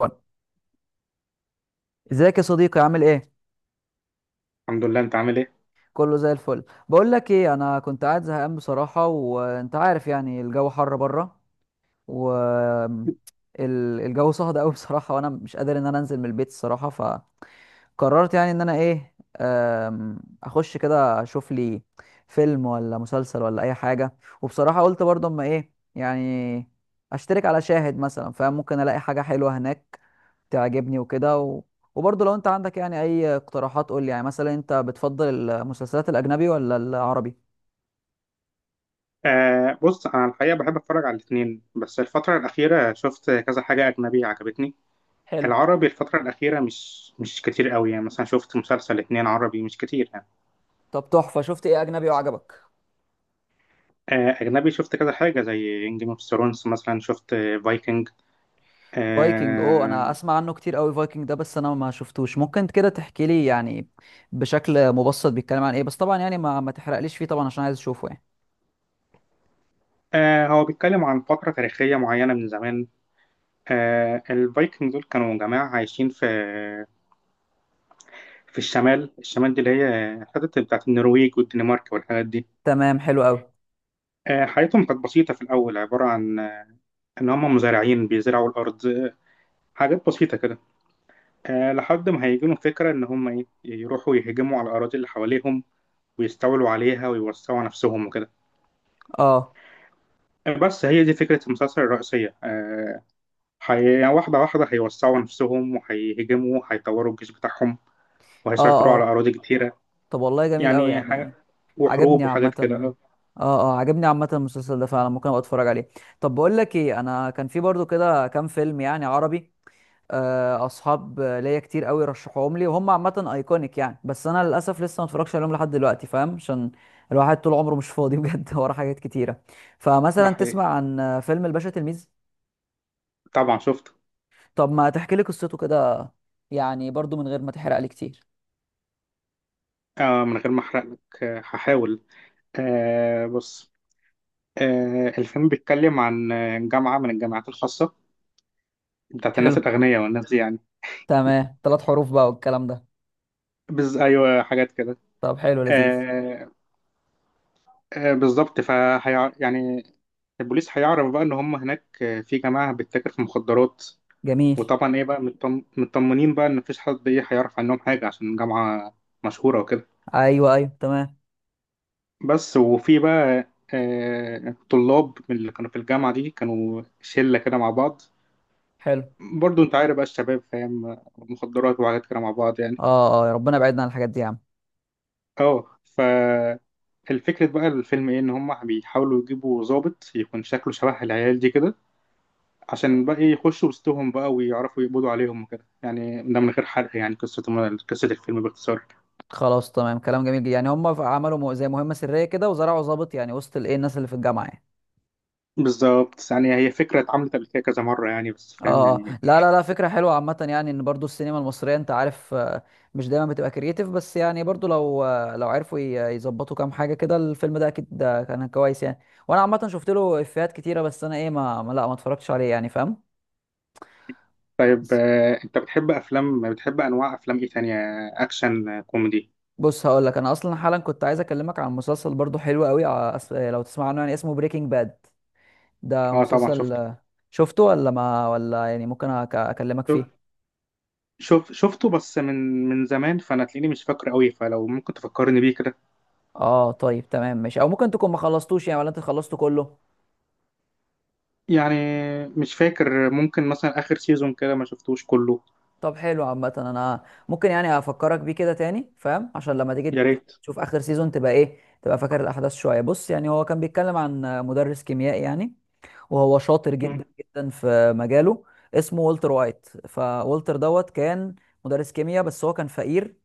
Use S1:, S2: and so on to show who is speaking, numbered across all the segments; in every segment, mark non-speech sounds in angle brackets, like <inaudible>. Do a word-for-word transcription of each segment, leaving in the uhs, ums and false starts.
S1: وأنا. ازيك يا صديقي، عامل ايه؟
S2: الحمد لله، انت عامل ايه؟
S1: كله زي الفل. بقول لك ايه، انا كنت قاعد زهقان بصراحه وانت عارف يعني الجو حر بره. و ال- الجو صهد قوي بصراحه وانا مش قادر ان انا انزل من البيت الصراحه. فقررت يعني ان انا ايه، أم، اخش كده اشوف لي فيلم ولا مسلسل ولا اي حاجه. وبصراحه قلت برضه اما ايه يعني اشترك على شاهد مثلا، فممكن الاقي حاجه حلوه هناك تعجبني وكده و... وبرضه لو انت عندك يعني اي اقتراحات قول لي، يعني مثلا انت بتفضل المسلسلات الاجنبي ولا العربي؟
S2: آه بص، انا الحقيقه بحب اتفرج على الاثنين. بس الفتره الاخيره شفت كذا حاجه اجنبي عجبتني.
S1: حلو.
S2: العربي الفتره الاخيره مش مش كتير قوي، يعني مثلا شفت مسلسل اتنين عربي مش كتير يعني.
S1: طب تحفة، شفت ايه اجنبي وعجبك؟
S2: آه اجنبي شفت كذا حاجه زي جيم اوف ثرونز، مثلا شفت فايكنج.
S1: فايكنج. اوه، انا
S2: آه
S1: اسمع عنه كتير قوي فايكنج ده، بس انا ما شفتوش. ممكن كده تحكي لي يعني بشكل مبسط بيتكلم عن ايه؟ بس طبعا يعني ما ما تحرقليش فيه طبعا عشان عايز اشوفه يعني.
S2: آه هو بيتكلم عن فتره تاريخيه معينه من زمان. آه الفايكنج دول كانوا جماعه عايشين في في الشمال، الشمال دي اللي هي الحتت بتاعت النرويج والدنمارك والحاجات دي.
S1: تمام، حلو قوي.
S2: آه، حياتهم كانت بسيطة في الأول، عبارة عن آه، إن هم مزارعين بيزرعوا الأرض، حاجات بسيطة كده. آه، لحد ما هيجيلهم فكرة إن هم إيه، يروحوا يهجموا على الأراضي اللي حواليهم ويستولوا عليها ويوسعوا نفسهم وكده.
S1: اه
S2: آه، بس هي دي فكرة المسلسل الرئيسية. آه، حي... يعني واحدة واحدة هيوسعوا نفسهم وهيهجموا وهيطوروا الجيش بتاعهم وهيسيطروا على
S1: اه.
S2: أراضي كتيرة.
S1: طب والله جميل قوي
S2: يعني حاجة،
S1: يعني. عجبني
S2: وحروب
S1: عامة.
S2: وحاجات كده. آه،
S1: اه اه، عجبني عامة المسلسل ده، فعلا ممكن ابقى اتفرج عليه. طب بقول لك ايه، انا كان في برضو كده كام فيلم يعني عربي، آه، اصحاب ليا كتير قوي رشحوهم لي وهم عامة ايكونيك يعني، بس انا للاسف لسه ما اتفرجش عليهم لحد دلوقتي فاهم، عشان الواحد طول عمره مش فاضي بجد <laughs> ورا حاجات كتيرة.
S2: ده
S1: فمثلا
S2: حقيقي،
S1: تسمع عن آه، فيلم الباشا تلميذ؟
S2: طبعا شفته.
S1: طب ما تحكي لي قصته كده يعني، برضو من غير ما تحرق لي كتير.
S2: آه، من غير ما أحرق لك، آه، هحاول. آه، بص، آه، الفيلم بيتكلم عن آه، جامعة من الجامعات الخاصة، بتاعت
S1: حلو.
S2: الناس الأغنياء والناس دي يعني.
S1: تمام، ثلاث حروف بقى والكلام ده.
S2: بز... أيوة، حاجات كده.
S1: طب حلو، لذيذ.
S2: آه، آه، بالظبط. فهي يعني البوليس هيعرف بقى إن هم هناك آه، في جماعة بتتاجر في مخدرات.
S1: جميل.
S2: وطبعا إيه بقى، مطم... مطمنين بقى إن مفيش حد إيه هيعرف عنهم حاجة عشان جامعة مشهورة وكده.
S1: ايوه ايوه، تمام.
S2: بس وفي بقى آه، طلاب من اللي كانوا في الجامعة دي، كانوا شلة كده مع بعض.
S1: حلو.
S2: برضو أنت عارف بقى الشباب، فاهم، مخدرات وحاجات كده مع بعض يعني.
S1: اه اه، يا ربنا يبعدنا عن الحاجات دي يا عم.
S2: اه ف الفكرة بقى الفيلم ايه، ان هم بيحاولوا يجيبوا ضابط يكون شكله شبه العيال دي كده، عشان بقى إيه، يخشوا وسطهم بقى ويعرفوا يقبضوا عليهم وكده، يعني ده من غير حرق يعني. قصة قصة الفيلم باختصار.
S1: خلاص، تمام. كلام جميل جدا، يعني هم عملوا مو- زي مهمه سريه كده وزرعوا ضابط يعني وسط الايه الناس اللي في الجامعه يعني.
S2: بالظبط، يعني هي فكرة اتعملت قبل كده كذا مرة يعني، بس
S1: اه
S2: فاهم يعني.
S1: آه. لا لا لا، فكره حلوه عامه يعني. ان برضو السينما المصريه انت عارف آه، مش دايما بتبقى كرييتيف، بس يعني برضو لو آه، لو عرفوا ي- يظبطوا كام حاجه كده، الفيلم ده اكيد ده كان كويس يعني. وانا عامه شفت له افيهات كتيره، بس انا ايه ما ما- لا، ما اتفرجتش عليه يعني، فاهم.
S2: طيب، آه، انت بتحب افلام، بتحب انواع افلام ايه تانية؟ اكشن، آه، كوميدي؟
S1: بص هقول لك، انا اصلا حالا كنت عايز اكلمك عن مسلسل برضو حلو قوي ع- أس- لو تسمع عنه يعني، اسمه بريكنج باد. ده
S2: اه طبعا
S1: مسلسل
S2: شفت.
S1: آه، شفته ولا ما ولا يعني، ممكن أك- اكلمك
S2: شوف،
S1: فيه.
S2: شوف، شفته بس من من زمان، فانا تلاقيني مش فاكره قوي، فلو ممكن تفكرني بيه كده
S1: اه طيب، تمام ماشي. او ممكن تكون ما خلصتوش يعني، ولا انت خلصته كله؟
S2: يعني. مش فاكر، ممكن مثلا اخر سيزون كده ما شفتوش كله.
S1: طب حلو عامه. انا ممكن يعني افكرك بيه كده تاني فاهم، عشان لما تيجي
S2: يا
S1: ت-
S2: ريت.
S1: تشوف اخر سيزون تبقى ايه، تبقى فاكر الاحداث شويه. بص، يعني هو كان بيتكلم عن آه، مدرس كيميائي يعني، وهو شاطر جدا
S2: م-
S1: جدا في مجاله. اسمه والتر وايت، فوالتر دوت كان مدرس كيمياء بس هو كان فقير،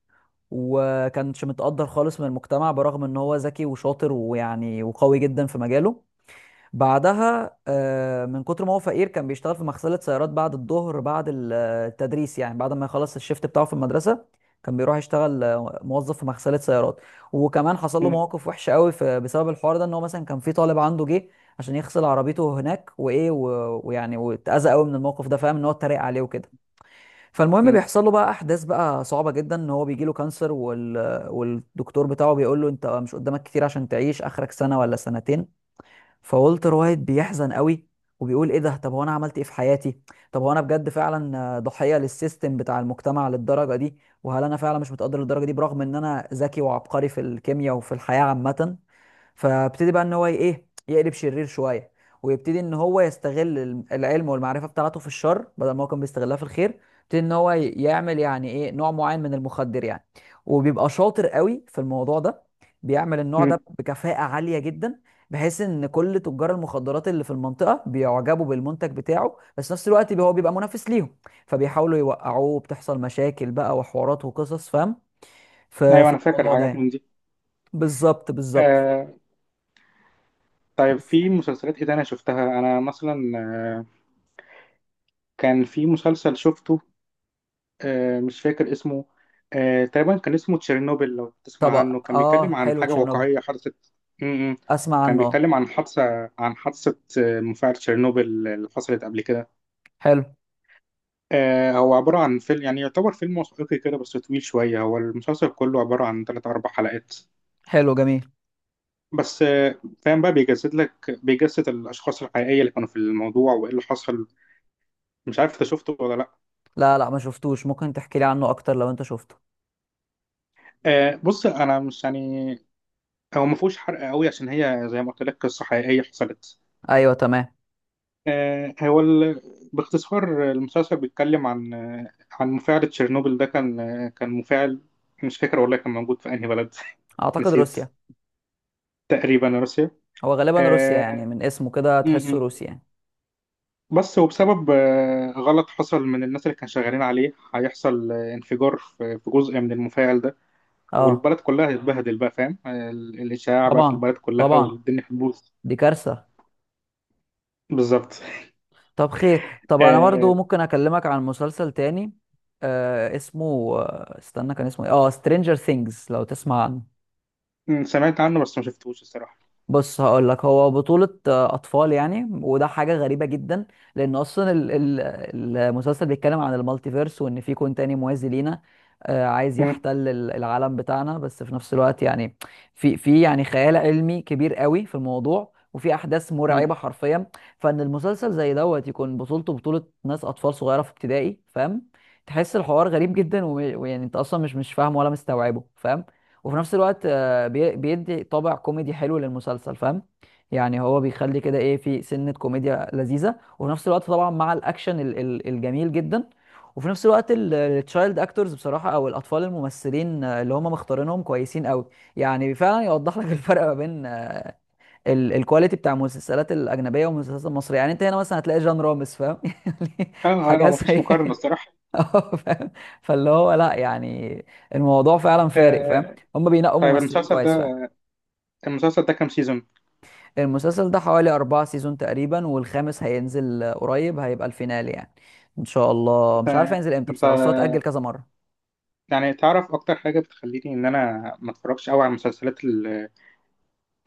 S1: وكانش متقدر خالص من المجتمع برغم ان هو ذكي وشاطر ويعني وقوي جدا في مجاله. بعدها آه، من كتر ما هو فقير كان بيشتغل في مغسلة سيارات بعد الظهر، بعد ال- آه، التدريس يعني، بعد ما يخلص الشيفت بتاعه في المدرسة كان بيروح يشتغل آه، موظف في مغسلة سيارات. وكمان حصل له
S2: م-
S1: مواقف وحشة قوي في بسبب الحوار ده، ان هو مثلا كان في طالب عنده جه عشان يغسل عربيته هناك وايه و- ويعني واتأذى قوي من الموقف ده فاهم، ان هو اتريق عليه وكده. فالمهم
S2: م-
S1: بيحصل له بقى احداث بقى صعبة جدا، ان هو بيجي له كانسر وال... والدكتور بتاعه بيقول له انت مش قدامك كتير عشان تعيش، اخرك سنة ولا سنتين. فولتر وايت بيحزن قوي، وبيقول ايه ده، طب هو انا عملت ايه في حياتي؟ طب هو انا بجد فعلا آه، ضحية للسيستم بتاع المجتمع للدرجة دي؟ وهل انا فعلا مش متقدر للدرجة دي برغم ان انا ذكي وعبقري في الكيمياء وفي الحياة عامة؟ فابتدي بقى ان هو ايه، يقلب شرير شويه، ويبتدي ان هو يستغل الم- العلم والمعرفه بتاعته في الشر بدل ما هو كان بيستغلها في الخير. يبتدي ان هو ي- يعمل يعني ايه، نوع معين من المخدر يعني. وبيبقى شاطر قوي في الموضوع ده، بيعمل النوع ده
S2: م.
S1: بكفاءه عاليه جدا، بحيث ان كل تجار المخدرات اللي في المنطقه بيعجبوا بالمنتج بتاعه، بس في نفس الوقت بي- هو بيبقى منافس ليهم، فبيحاولوا يوقعوه. بتحصل مشاكل بقى وحوارات وقصص فاهم، في
S2: ايوه
S1: في
S2: انا فاكر
S1: الموضوع ده
S2: حاجات
S1: يعني.
S2: من دي.
S1: بالظبط بالظبط.
S2: آه طيب، في مسلسلات ايه تانية شفتها؟ انا مثلا آه كان في مسلسل شفته، آه مش فاكر اسمه، آه تقريبا كان اسمه تشيرنوبل، لو تسمع
S1: طب،
S2: عنه. كان
S1: اه
S2: بيتكلم عن
S1: حلو
S2: حاجة
S1: تشيرنوبل،
S2: واقعية حدثت. م- م.
S1: اسمع
S2: كان
S1: عنه، اه.
S2: بيتكلم عن حادثة، عن حادثة آه، مفاعل تشيرنوبل، اللي حصلت قبل كده.
S1: حلو.
S2: آه هو عبارة عن فيلم، يعني يعتبر فيلم وثائقي كده بس طويل شوية. هو المسلسل كله عبارة عن تلات أربع حلقات
S1: حلو، جميل.
S2: بس. آه فاهم بقى، بيجسد لك بيجسد الأشخاص الحقيقية اللي كانوا في الموضوع وإيه اللي حصل. مش عارف أنت شفته ولا لأ.
S1: لا لا، ما شفتوش، ممكن تحكي لي عنه اكتر لو انت شفته.
S2: آه بص، أنا مش يعني، هو ما فيهوش حرق قوي عشان هي زي ما قلت لك قصة حقيقية حصلت.
S1: ايوه تمام.
S2: آه هو ال... باختصار المسلسل بيتكلم عن آه عن مفاعل تشيرنوبل. ده كان آه كان مفاعل، مش فاكر والله كان موجود في أنهي بلد. <laughs>
S1: اعتقد
S2: نسيت.
S1: روسيا.
S2: تقريبا روسيا.
S1: هو غالبا روسيا يعني،
S2: آه،
S1: من اسمه كده تحسه
S2: م-م.
S1: روسي يعني.
S2: بس وبسبب آه، غلط حصل من الناس اللي كانوا شغالين عليه، هيحصل آه، انفجار في في جزء من المفاعل ده،
S1: اه،
S2: والبلد كلها هتتبهدل بقى. فاهم، آه، ال- الإشاعة بقى في
S1: طبعا.
S2: البلد كلها،
S1: طبعا،
S2: والدنيا هتبوظ.
S1: دي كارثة.
S2: بالظبط.
S1: طب خير. طب انا برضو
S2: آه،
S1: ممكن اكلمك عن مسلسل تاني آه اسمه، آه استنى كان اسمه ايه، اه سترينجر ثينجز، لو تسمع عنه.
S2: م، سمعت عنه بس ما شفتهوش الصراحة.
S1: بص هقول لك، هو بطولة آه، أطفال يعني، وده حاجة غريبة جدا. لأن أصلا ال- ال- المسلسل بيتكلم عن المالتيفيرس، وإن في كون تاني موازي لينا آه، عايز
S2: م-
S1: يحتل ال- العالم بتاعنا. بس في نفس الوقت يعني في في يعني خيال علمي كبير قوي في الموضوع، وفي أحداث
S2: م.
S1: مرعبة حرفيا. فإن المسلسل زي دوت يكون بطولته بطولة ناس أطفال صغيرة في ابتدائي فاهم، تحس الحوار غريب جدا و- ويعني أنت أصلا مش مش فاهم ولا مستوعبه فاهم. وفي نفس الوقت بي- بيدي طابع كوميدي حلو للمسلسل فاهم، يعني هو بيخلي كده ايه، في سنة كوميديا لذيذة، وفي نفس الوقت طبعا مع الاكشن ال- ال- الجميل جدا. وفي نفس الوقت التشايلد اكتورز بصراحة، او الاطفال الممثلين آه، اللي هم مختارينهم كويسين قوي، يعني فعلا يوضح لك <laughs> الفرق ما بين آه، ال- الكواليتي بتاع المسلسلات الاجنبية والمسلسلات المصرية. يعني انت هنا مثلا هتلاقي جان رامز فاهم <laughs> يعني
S2: اه، آه، آه،
S1: حاجة
S2: مفيش
S1: سيئة
S2: مقارنة
S1: كده.
S2: الصراحة.
S1: <laughs> اه، فاهم. فاللي هو لا يعني، الموضوع فعلا فارق فاهم،
S2: آه،
S1: هم بينقوا
S2: طيب
S1: ممثلين
S2: المسلسل
S1: كويس فعلا.
S2: ده، المسلسل ده كام سيزون؟
S1: المسلسل ده حوالي أربعة سيزون تقريبا، والخامس هينزل آه، قريب، هيبقى الفينال يعني. إن شاء الله مش عارف
S2: آه،
S1: هينزل إمتى
S2: انت،
S1: بصراحة، بس هو اتأجل كذا مرة.
S2: يعني تعرف اكتر حاجة بتخليني ان انا ما اتفرجش قوي على المسلسلات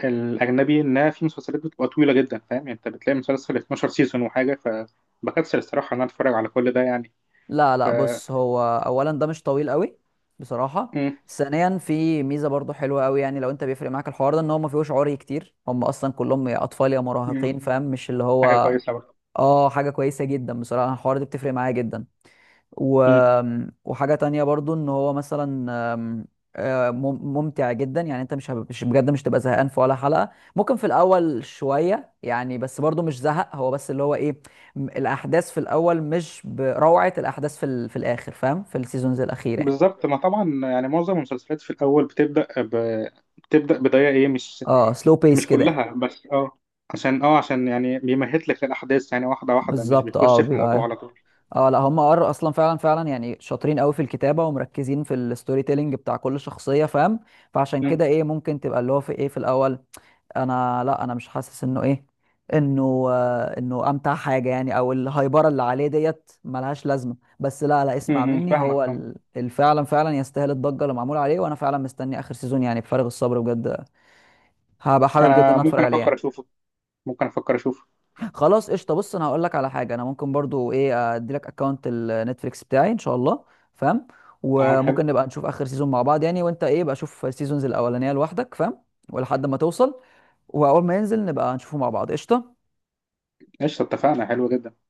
S2: الاجنبي؟ انها في مسلسلات بتبقى طويله جدا، فاهم يعني؟ انت بتلاقي مسلسل 12 سيزون وحاجه، فبكسل الصراحه ان انا اتفرج على كل ده يعني.
S1: لا
S2: ف
S1: لا، بص هو، أولا ده مش طويل قوي بصراحة.
S2: مم.
S1: ثانيا في ميزة برضو حلوة قوي، يعني لو أنت بيفرق معاك الحوار ده إن هو ما فيهوش عري كتير، هم أصلا كلهم يا أطفال يا
S2: مم.
S1: مراهقين فاهم، مش اللي
S2: حاجه
S1: هو.
S2: كويسه برضه.
S1: اه، حاجة كويسة جدا بصراحة، الحوار ده بتفرق معايا جدا و...
S2: مم.
S1: وحاجة تانية برضو ان هو مثلا، آم، آه، مم- ممتع جدا يعني، انت مش هب- مش بجد مش تبقى زهقان في ولا حلقة، ممكن في الاول شوية يعني بس برضو مش زهق. هو بس اللي هو ايه، م- الاحداث في الاول مش بروعة الاحداث في ال... في الاخر فاهم، في السيزونز الاخيرة يعني.
S2: بالظبط، ما طبعا يعني معظم المسلسلات في الاول بتبدا ب... بتبدا بدايه ايه، مش
S1: اه، سلو بيس
S2: مش
S1: كده يعني.
S2: كلها بس اه عشان اه عشان يعني بيمهد لك للاحداث يعني واحده واحده، مش
S1: بالظبط، اه
S2: بيخش في الموضوع
S1: بيبقى،
S2: على طول.
S1: اه لا هم ار اصلا فعلا فعلا يعني شاطرين قوي في الكتابه ومركزين في الستوري تيلينج بتاع كل شخصيه فاهم، فعشان كده
S2: مم.
S1: ايه ممكن تبقى اللي هو في ايه في الاول. انا لا، انا مش حاسس انه ايه، انه آه، انه امتع حاجه يعني، او الهايبره اللي عليه ديت ملهاش لازمه. بس لا لا، اسمع
S2: مم.
S1: مني،
S2: فاهمك،
S1: هو
S2: فاهمك.
S1: ال- ال- فعلا فعلا يستاهل الضجه اللي معمول عليه، وانا فعلا مستني اخر سيزون يعني بفارغ الصبر بجد. هبقى حابب جدا
S2: انا
S1: ان اتفرج
S2: ممكن
S1: عليه
S2: افكر
S1: يعني.
S2: اشوفه، ممكن افكر اشوفه.
S1: خلاص قشطه، بص انا هقول لك على حاجه، انا ممكن برضو ايه ادي لك اكونت النتفليكس بتاعي ان شاء الله فاهم.
S2: تمام حلو.
S1: وممكن نبقى نشوف اخر سيزون مع بعض يعني، وانت ايه بقى، شوف السيزونز الاولانيه لوحدك فاهم، ولحد ما توصل واول ما ينزل نبقى نشوفه مع بعض. قشطه.
S2: قشطه، اتفقنا. حلو جدا.